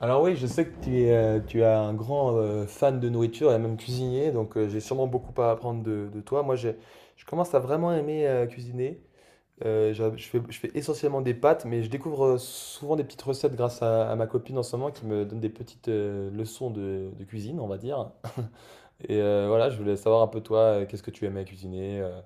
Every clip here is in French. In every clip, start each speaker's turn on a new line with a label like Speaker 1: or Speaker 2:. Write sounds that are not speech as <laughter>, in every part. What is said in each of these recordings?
Speaker 1: Alors oui, je sais que tu es un grand fan de nourriture et même cuisinier, donc j'ai sûrement beaucoup à apprendre de toi. Moi, je commence à vraiment aimer cuisiner. Je fais essentiellement des pâtes, mais je découvre souvent des petites recettes grâce à ma copine en ce moment qui me donne des petites leçons de cuisine, on va dire. Et voilà, je voulais savoir un peu toi, qu'est-ce que tu aimais cuisiner euh,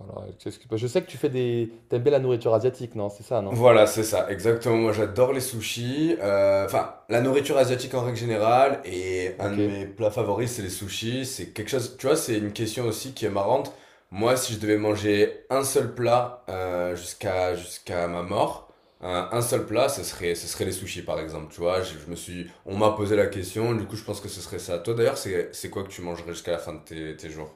Speaker 1: voilà, qu'est-ce que- Je sais que tu fais T'aimes bien la nourriture asiatique, non? C'est ça, non?
Speaker 2: Voilà, c'est ça, exactement. Moi, j'adore les sushis. Enfin, la nourriture asiatique en règle générale. Et un de
Speaker 1: Ok.
Speaker 2: mes plats favoris, c'est les sushis. C'est quelque chose, tu vois, c'est une question aussi qui est marrante. Moi, si je devais manger un seul plat jusqu'à ma mort, un seul plat, ce serait les sushis, par exemple. Tu vois, je me suis, on m'a posé la question. Du coup, je pense que ce serait ça. Toi, d'ailleurs, c'est quoi que tu mangerais jusqu'à la fin de tes jours?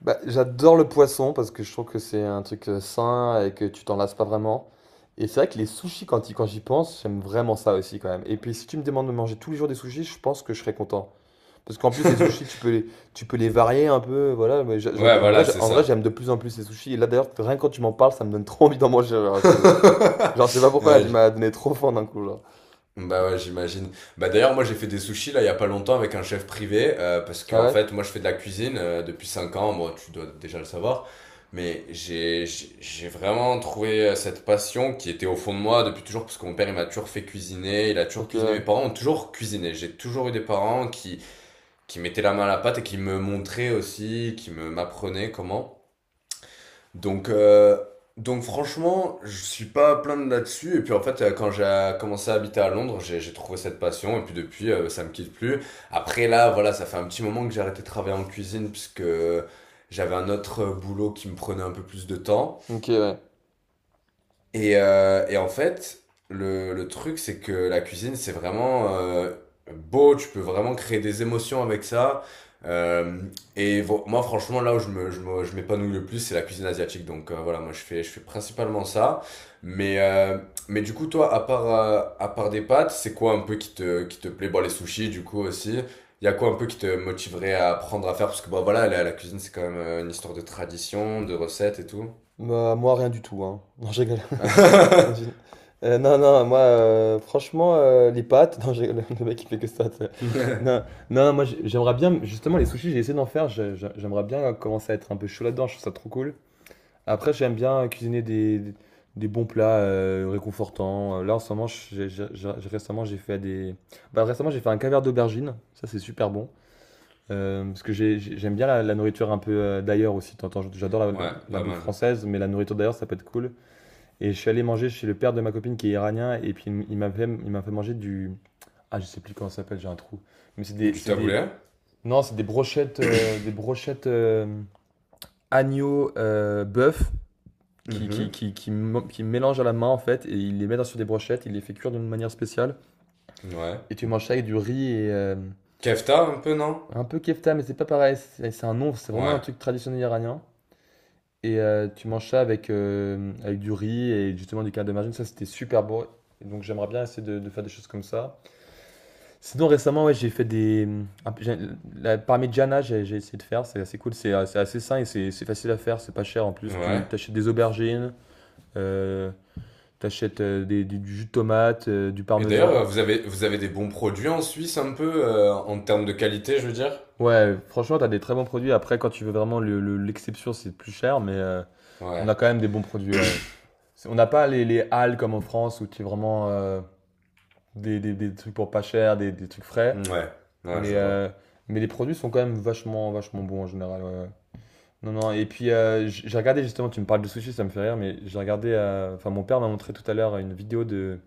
Speaker 1: Bah, j'adore le poisson parce que je trouve que c'est un truc sain et que tu t'en lasses pas vraiment. Et c'est vrai que les sushis, quand j'y pense, j'aime vraiment ça aussi quand même. Et puis si tu me demandes de manger tous les jours des sushis, je pense que je serais content. Parce qu'en plus, les sushis, tu peux les varier un peu. Voilà, mais j'a- j'a-
Speaker 2: Ouais,
Speaker 1: en vrai,
Speaker 2: voilà,
Speaker 1: j'a-
Speaker 2: c'est
Speaker 1: en vrai, j'aime de
Speaker 2: ça.
Speaker 1: plus en plus les sushis. Et là, d'ailleurs, rien que quand tu m'en parles, ça me donne <laughs> trop envie d'en manger. Genre, je sais pas
Speaker 2: <laughs>
Speaker 1: pourquoi, là, tu
Speaker 2: Ouais,
Speaker 1: m'as donné trop faim d'un coup, là.
Speaker 2: bah ouais, j'imagine. Bah d'ailleurs, moi j'ai fait des sushis là il y a pas longtemps avec un chef privé parce que
Speaker 1: Ah
Speaker 2: en
Speaker 1: ouais?
Speaker 2: fait, moi je fais de la cuisine depuis 5 ans, moi tu dois déjà le savoir, mais j'ai vraiment trouvé cette passion qui était au fond de moi depuis toujours parce que mon père il m'a toujours fait cuisiner, il a toujours
Speaker 1: Ok,
Speaker 2: cuisiné, mes
Speaker 1: ouais.
Speaker 2: parents ont toujours cuisiné. J'ai toujours eu des parents qui mettaient la main à la pâte et qui me montraient aussi, qui me m'apprenaient comment. Donc, euh, donc franchement, je suis pas à plaindre là-dessus. Et puis en fait, quand j'ai commencé à habiter à Londres, j'ai trouvé cette passion. Et puis depuis, ça me quitte plus. Après là, voilà, ça fait un petit moment que j'ai arrêté de travailler en cuisine puisque j'avais un autre boulot qui me prenait un peu plus de temps.
Speaker 1: Ok, ouais.
Speaker 2: Et en fait, le truc, c'est que la cuisine, c'est vraiment beau, tu peux vraiment créer des émotions avec ça. Euh, Moi, franchement, là où je m'épanouis le plus, c'est la cuisine asiatique. Donc voilà, moi, je fais principalement ça. Mais, euh, mais du coup, toi, à part des pâtes, c'est quoi un peu qui te plaît? Bon, les sushis, du coup, aussi. Il y a quoi un peu qui te motiverait à apprendre à faire? Parce que bah, voilà, la cuisine, c'est quand même une histoire de tradition, de recettes et tout.
Speaker 1: Bah, moi, rien du tout, hein. <laughs> Non, je rigole. Je-
Speaker 2: <laughs>
Speaker 1: Non, non, moi, franchement, les pâtes, <laughs> non, le mec il fait que ça, tu sais. Non, non, moi j'aimerais bien, justement, les sushis, j'ai essayé d'en faire, j'aimerais bien commencer à être un peu chaud là-dedans, je trouve ça trop cool. Après, j'aime bien cuisiner des bons plats réconfortants. Là, en ce moment, j'ai- récemment, j'ai fait des. Bah, récemment, j'ai fait un caviar d'aubergine, ça c'est super bon. Parce que j'aime bien la nourriture un peu d'ailleurs aussi. T'entends, j'adore
Speaker 2: Ouais,
Speaker 1: la
Speaker 2: pas
Speaker 1: bouffe
Speaker 2: mal.
Speaker 1: française, mais la nourriture d'ailleurs, ça peut être cool. Et je suis allé manger chez le père de ma copine qui est iranien, et puis il m'a fait manger du. Ah, je sais plus comment ça s'appelle, j'ai un trou. Mais c'est des,
Speaker 2: Du
Speaker 1: c'est des.
Speaker 2: taboulé.
Speaker 1: Non, c'est des brochettes, agneau bœuf
Speaker 2: Mhm.
Speaker 1: qui mélangent à la main en fait, et il les met sur des brochettes, il les fait cuire d'une manière spéciale,
Speaker 2: Ouais.
Speaker 1: et tu manges ça avec du riz et
Speaker 2: Kefta, un peu, non?
Speaker 1: un peu kefta, mais c'est pas pareil, c'est un nom, c'est vraiment un
Speaker 2: Ouais.
Speaker 1: truc traditionnel iranien. Et tu manges ça avec, avec du riz et justement du canard de margine, ça c'était super beau. Et donc j'aimerais bien essayer de faire des choses comme ça. Sinon, récemment, ouais, j'ai fait des. Un peu- j'ai- La parmigiana, j'ai essayé de faire, c'est assez cool, c'est assez sain et c'est facile à faire, c'est pas cher en plus.
Speaker 2: Ouais.
Speaker 1: Tu t'achètes des aubergines, euh, t'achètes du jus de tomate, du
Speaker 2: Et d'ailleurs,
Speaker 1: parmesan.
Speaker 2: vous avez des bons produits en Suisse, un peu, en termes de qualité, je veux dire?
Speaker 1: Ouais, franchement, t'as des très bons produits. Après, quand tu veux vraiment l'exception, c'est plus cher, mais on
Speaker 2: Ouais.
Speaker 1: a quand même des bons produits, ouais. On n'a pas les halles comme en France où tu as vraiment des trucs pour pas cher, des trucs frais,
Speaker 2: Mm, ouais. Ouais,
Speaker 1: mais,
Speaker 2: je
Speaker 1: euh,
Speaker 2: vois.
Speaker 1: mais les produits sont quand même vachement, vachement bons en général, ouais, ouais. Non, non, et puis j'ai regardé justement, tu me parles de sushi, ça me fait rire, mais j'ai regardé, enfin mon père m'a montré tout à l'heure une vidéo de,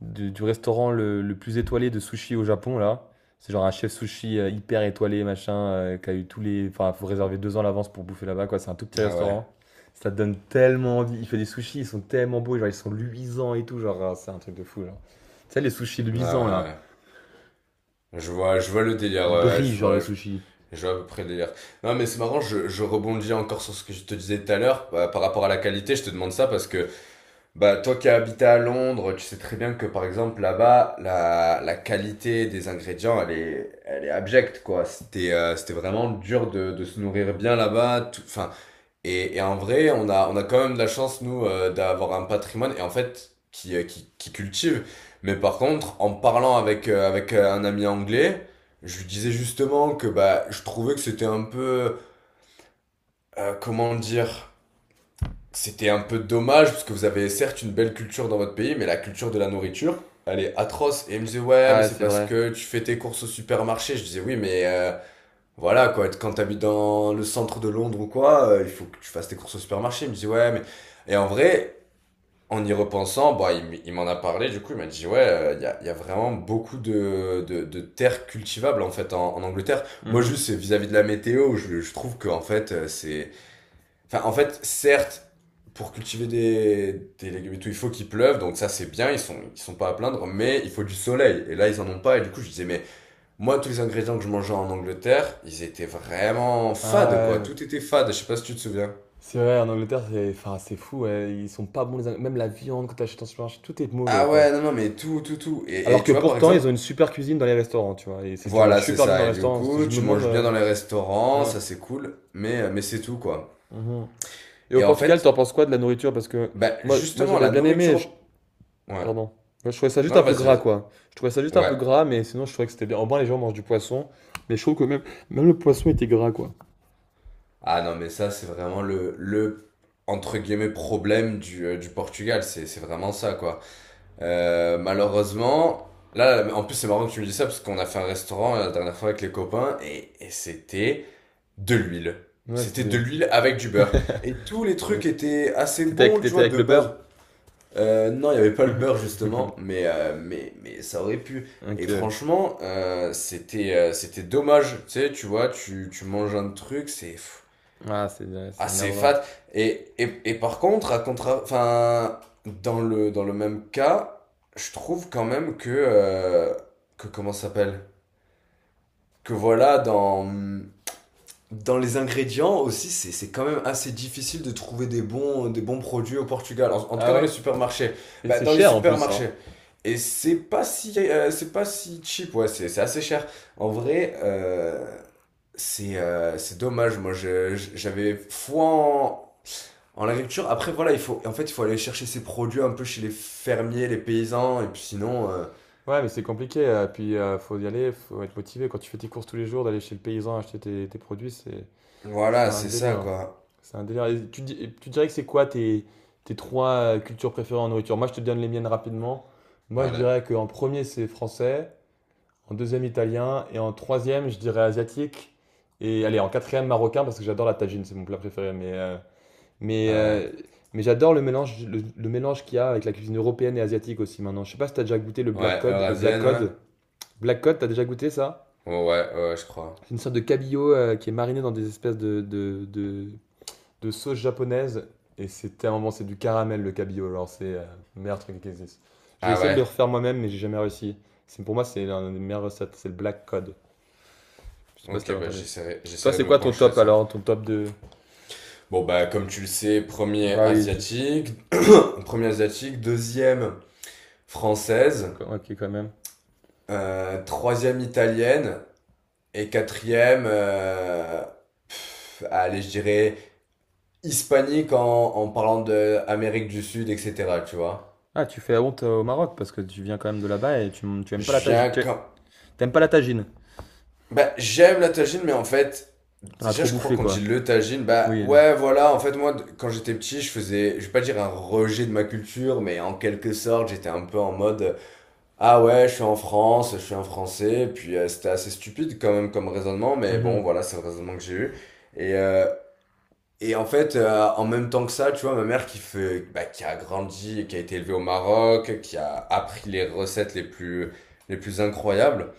Speaker 1: du restaurant le plus étoilé de sushi au Japon, là. C'est genre un chef sushi hyper étoilé, machin, qui a eu tous les... Enfin, faut réserver 2 ans à l'avance pour bouffer là-bas, quoi. C'est un tout petit
Speaker 2: Ah ouais.
Speaker 1: restaurant. Ça te donne tellement envie. Il fait des sushis, ils sont tellement beaux, genre ils sont luisants et tout, genre ah, c'est un truc de fou, genre. Tu sais, les sushis
Speaker 2: Ah ouais,
Speaker 1: luisants, là,
Speaker 2: ouais. Ouais. Je vois le délire,
Speaker 1: ils
Speaker 2: ouais, ouais,
Speaker 1: brillent,
Speaker 2: je
Speaker 1: genre le
Speaker 2: vois, je,
Speaker 1: sushi.
Speaker 2: je vois à peu près le délire. Non, mais c'est marrant, je rebondis encore sur ce que je te disais tout à l'heure, par rapport à la qualité, je te demande ça parce que bah, toi qui as habité à Londres, tu sais très bien que par exemple là-bas, la qualité des ingrédients, elle est abjecte quoi. C'était vraiment dur de se nourrir bien là-bas. Enfin, et en vrai, on a quand même de la chance nous d'avoir un patrimoine et en fait qui cultive. Mais par contre, en parlant avec, un ami anglais, je lui disais justement que bah, je trouvais que c'était un peu, comment dire? C'était un peu dommage parce que vous avez certes une belle culture dans votre pays, mais la culture de la nourriture, elle est atroce. Et il me disait, ouais,
Speaker 1: Ah,
Speaker 2: mais
Speaker 1: ouais,
Speaker 2: c'est
Speaker 1: c'est
Speaker 2: parce
Speaker 1: vrai.
Speaker 2: que tu fais tes courses au supermarché. Je disais, oui, mais voilà, quoi, quand t'habites dans le centre de Londres ou quoi, il faut que tu fasses tes courses au supermarché. Il me disait ouais, mais. Et en vrai, en y repensant, bah, il m'en a parlé, du coup, il m'a dit, ouais, y a vraiment beaucoup de terres cultivables, en fait, en Angleterre. Moi,
Speaker 1: Mhm.
Speaker 2: juste, c'est vis-à-vis de la météo, je trouve que, en fait, c'est enfin, en fait, certes, pour cultiver des légumes et tout, il faut qu'il pleuve, donc ça c'est bien, ils sont pas à plaindre, mais il faut du soleil. Et là, ils en ont pas, et du coup, je disais, mais moi, tous les ingrédients que je mangeais en Angleterre, ils étaient vraiment
Speaker 1: Ah
Speaker 2: fades, quoi.
Speaker 1: ouais.
Speaker 2: Tout était fade, je sais pas si tu te souviens.
Speaker 1: C'est vrai, en Angleterre, c'est enfin, c'est fou, ouais, ils sont pas bons les Même la viande quand t'achètes en supermarché, tout est mauvais,
Speaker 2: Ah ouais,
Speaker 1: quoi.
Speaker 2: non, non, mais tout, tout, tout. Et
Speaker 1: Alors
Speaker 2: tu
Speaker 1: que
Speaker 2: vois, par
Speaker 1: pourtant, ils ont
Speaker 2: exemple,
Speaker 1: une super cuisine dans les restaurants, tu vois. Et c'est- tu
Speaker 2: voilà,
Speaker 1: manges
Speaker 2: c'est
Speaker 1: super bien dans
Speaker 2: ça.
Speaker 1: les
Speaker 2: Et du
Speaker 1: restaurants. C'est-
Speaker 2: coup,
Speaker 1: Je me
Speaker 2: tu
Speaker 1: demande.
Speaker 2: manges bien dans les restaurants,
Speaker 1: Ouais,
Speaker 2: ça c'est cool, mais c'est tout, quoi.
Speaker 1: mhm. Et au
Speaker 2: Et en
Speaker 1: Portugal, t'en
Speaker 2: fait,
Speaker 1: penses quoi de la nourriture? Parce que
Speaker 2: bah,
Speaker 1: moi,
Speaker 2: justement,
Speaker 1: j'avais
Speaker 2: la
Speaker 1: bien aimé.
Speaker 2: nourriture. Ouais.
Speaker 1: Pardon. Moi, je trouvais ça juste un
Speaker 2: Non,
Speaker 1: peu
Speaker 2: vas-y,
Speaker 1: gras,
Speaker 2: vas-y.
Speaker 1: quoi. Je trouvais ça juste un
Speaker 2: Ouais.
Speaker 1: peu gras, mais sinon, je trouvais que c'était bien. En bas, les gens mangent du poisson. Mais je trouve que même, même le poisson était gras, quoi.
Speaker 2: Ah non, mais ça, c'est vraiment le entre guillemets, problème du Portugal. C'est vraiment ça, quoi. Malheureusement, là, en plus, c'est marrant que tu me dis ça parce qu'on a fait un restaurant la dernière fois avec les copains et c'était de l'huile.
Speaker 1: Ouais,
Speaker 2: C'était de l'huile avec du beurre. Et tous les
Speaker 1: ouais.
Speaker 2: trucs étaient assez bons, tu
Speaker 1: T'étais
Speaker 2: vois,
Speaker 1: avec
Speaker 2: de
Speaker 1: le
Speaker 2: base.
Speaker 1: beurre?
Speaker 2: Non, il n'y avait pas le beurre,
Speaker 1: <laughs>
Speaker 2: justement, mais ça aurait pu.
Speaker 1: Ok,
Speaker 2: Et
Speaker 1: ouais.
Speaker 2: franchement, c'était dommage. Tu sais, tu vois, tu manges un truc, c'est
Speaker 1: Ah, c'est ouais, c'est
Speaker 2: assez
Speaker 1: énervant.
Speaker 2: fat. Et par contre, enfin, dans le même cas, je trouve quand même que comment ça s'appelle? Que voilà, dans les ingrédients aussi, c'est quand même assez difficile de trouver des bons produits au Portugal. En tout
Speaker 1: Ah
Speaker 2: cas, dans les
Speaker 1: ouais?
Speaker 2: supermarchés.
Speaker 1: Et
Speaker 2: Bah,
Speaker 1: c'est
Speaker 2: dans les
Speaker 1: cher en plus, hein.
Speaker 2: supermarchés. Et c'est pas si cheap, ouais, c'est assez cher. En vrai, c'est dommage. Moi, j'avais foi en agriculture, après voilà, il faut aller chercher ses produits un peu chez les fermiers, les paysans, et puis sinon,
Speaker 1: Ouais, mais c'est compliqué. Puis faut y aller, faut être motivé. Quand tu fais tes courses tous les jours, d'aller chez le paysan acheter tes produits, c'est
Speaker 2: voilà,
Speaker 1: un
Speaker 2: c'est ça
Speaker 1: délire.
Speaker 2: quoi.
Speaker 1: C'est un délire. Et tu dirais que c'est quoi tes trois cultures préférées en nourriture? Moi, je te donne les miennes rapidement. Moi, je
Speaker 2: Allez,
Speaker 1: dirais qu'en premier, c'est français. En deuxième, italien. Et en troisième, je dirais asiatique. Et allez, en quatrième, marocain, parce que j'adore la tagine, c'est mon plat préféré. Mais, euh,
Speaker 2: ouais,
Speaker 1: mais j'adore le mélange, le mélange qu'il y a avec la cuisine européenne et asiatique aussi maintenant. Je sais pas si t'as déjà goûté le black
Speaker 2: ouais,
Speaker 1: cod. Le
Speaker 2: eurasienne, ouais.
Speaker 1: black cod, t'as déjà goûté ça?
Speaker 2: Oh, ouais, ouais, ouais, je crois.
Speaker 1: C'est une sorte de cabillaud qui est mariné dans des espèces de sauce japonaise. Et c'est tellement bon, c'est du caramel le cabillaud. Alors c'est le meilleur truc qui existe. J'ai
Speaker 2: Ah
Speaker 1: essayé de
Speaker 2: ouais.
Speaker 1: le refaire moi-même, mais j'ai jamais réussi. C'est, pour moi, c'est l'un des meilleures recettes, c'est le black cod. Je sais pas si
Speaker 2: Ok,
Speaker 1: t'avais
Speaker 2: bah
Speaker 1: entendu.
Speaker 2: j'essaierai,
Speaker 1: Toi,
Speaker 2: j'essaierai de
Speaker 1: c'est
Speaker 2: me
Speaker 1: quoi ton
Speaker 2: pencher
Speaker 1: top
Speaker 2: là-dessus.
Speaker 1: alors? Ton top de.
Speaker 2: Bon bah comme tu le sais, premier
Speaker 1: Bah oui, je-
Speaker 2: asiatique, premier asiatique, deuxième française,
Speaker 1: ok quand même.
Speaker 2: troisième italienne et quatrième, pff, allez je dirais hispanique en parlant de Amérique du Sud, etc. Tu vois.
Speaker 1: Ah, tu fais la honte au Maroc parce que tu viens quand même de là-bas et tu aimes pas la
Speaker 2: Je
Speaker 1: tagine.
Speaker 2: viens
Speaker 1: Tu
Speaker 2: comme.
Speaker 1: t'aimes pas la tagine.
Speaker 2: Bah, j'aime la tagine, mais en fait,
Speaker 1: T'en as
Speaker 2: déjà,
Speaker 1: trop
Speaker 2: je crois
Speaker 1: bouffé,
Speaker 2: qu'on dit
Speaker 1: quoi.
Speaker 2: le tagine. Bah,
Speaker 1: Oui. Le-
Speaker 2: ouais, voilà, en fait, moi, quand j'étais petit, je faisais, je vais pas dire un rejet de ma culture, mais en quelque sorte, j'étais un peu en mode, ah ouais, je suis en France, je suis un Français, puis c'était assez stupide quand même comme raisonnement, mais
Speaker 1: Mhm.
Speaker 2: bon, voilà, c'est le raisonnement que j'ai eu. Et, euh, Et en fait, en même temps que ça, tu vois, ma mère qui fait, bah, qui a grandi, et qui a été élevée au Maroc, qui a appris les recettes les plus incroyables,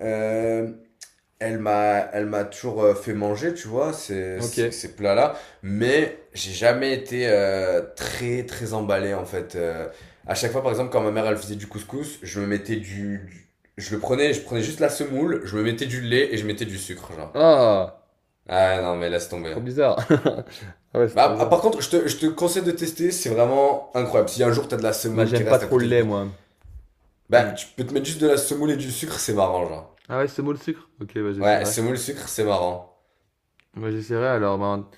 Speaker 2: euh, elle m'a toujours fait manger, tu vois, ces, ces,
Speaker 1: Ok.
Speaker 2: ces plats-là. Mais j'ai jamais été très, très emballé, en fait. À chaque fois, par exemple, quand ma mère, elle faisait du couscous, je me mettais du- je le prenais, je prenais juste la semoule, je me mettais du lait et je mettais du sucre, genre.
Speaker 1: Ah,
Speaker 2: Ah non, mais laisse tomber.
Speaker 1: trop bizarre. <laughs> Ah ouais, c'est trop
Speaker 2: Bah, ah,
Speaker 1: bizarre.
Speaker 2: par contre, je te conseille de tester, c'est vraiment incroyable. Si un jour t'as de la
Speaker 1: Bah,
Speaker 2: semoule qui
Speaker 1: j'aime pas
Speaker 2: reste à
Speaker 1: trop le
Speaker 2: côté du
Speaker 1: lait,
Speaker 2: coup,
Speaker 1: moi. Hmm.
Speaker 2: bah tu peux te mettre juste de la semoule et du sucre, c'est marrant, genre.
Speaker 1: Ah ouais, c'est mot le sucre? Ok, bah
Speaker 2: Ouais,
Speaker 1: j'essaierai.
Speaker 2: semoule, sucre, c'est marrant.
Speaker 1: Bah j'essaierai alors. Bah,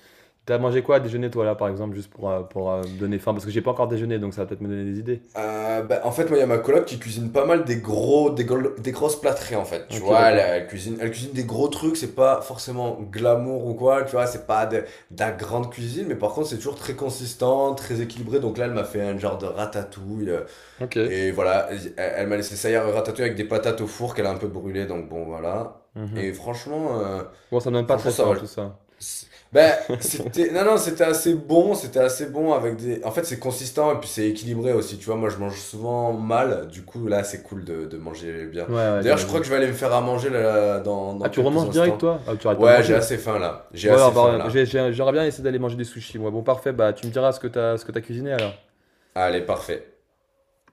Speaker 1: t'as mangé quoi à déjeuner, toi, là, par exemple, juste pour me donner faim? Parce que j'ai pas encore déjeuné, donc ça va peut-être me donner des idées.
Speaker 2: Bah, en fait, moi, il y a ma coloc qui cuisine pas mal des grosses plâtrées, en fait. Tu
Speaker 1: Ok,
Speaker 2: vois, elle,
Speaker 1: d'accord.
Speaker 2: elle cuisine des gros trucs, c'est pas forcément glamour ou quoi, tu vois, c'est pas de la grande cuisine, mais par contre, c'est toujours très consistant, très équilibré. Donc là, elle m'a fait un genre de ratatouille.
Speaker 1: Ok.
Speaker 2: Et voilà, elle, elle m'a laissé ça hier ratatouille avec des patates au four qu'elle a un peu brûlées, donc bon, voilà.
Speaker 1: Mhm.
Speaker 2: Et franchement, euh,
Speaker 1: Bon, ça me donne pas
Speaker 2: franchement,
Speaker 1: très
Speaker 2: ça
Speaker 1: faim,
Speaker 2: va.
Speaker 1: tout ça.
Speaker 2: Ben,
Speaker 1: <laughs>
Speaker 2: c'était, non, non, c'était assez bon avec des. En fait, c'est consistant et puis c'est équilibré aussi, tu vois. Moi, je mange souvent mal, du coup, là, c'est cool de manger bien.
Speaker 1: Ouais, ouais,
Speaker 2: D'ailleurs, je crois
Speaker 1: j'imagine.
Speaker 2: que je vais aller me faire à manger là, dans,
Speaker 1: Ah,
Speaker 2: dans
Speaker 1: tu
Speaker 2: quelques
Speaker 1: remanges direct,
Speaker 2: instants.
Speaker 1: toi? Ah, tu arrêtes pas de
Speaker 2: Ouais, j'ai
Speaker 1: manger.
Speaker 2: assez faim là, j'ai
Speaker 1: Bon alors,
Speaker 2: assez faim
Speaker 1: bah,
Speaker 2: là.
Speaker 1: j'aimerais bien essayer d'aller manger des sushis, moi. Bon, parfait, bah tu me diras ce que t'as cuisiné alors.
Speaker 2: Allez, parfait.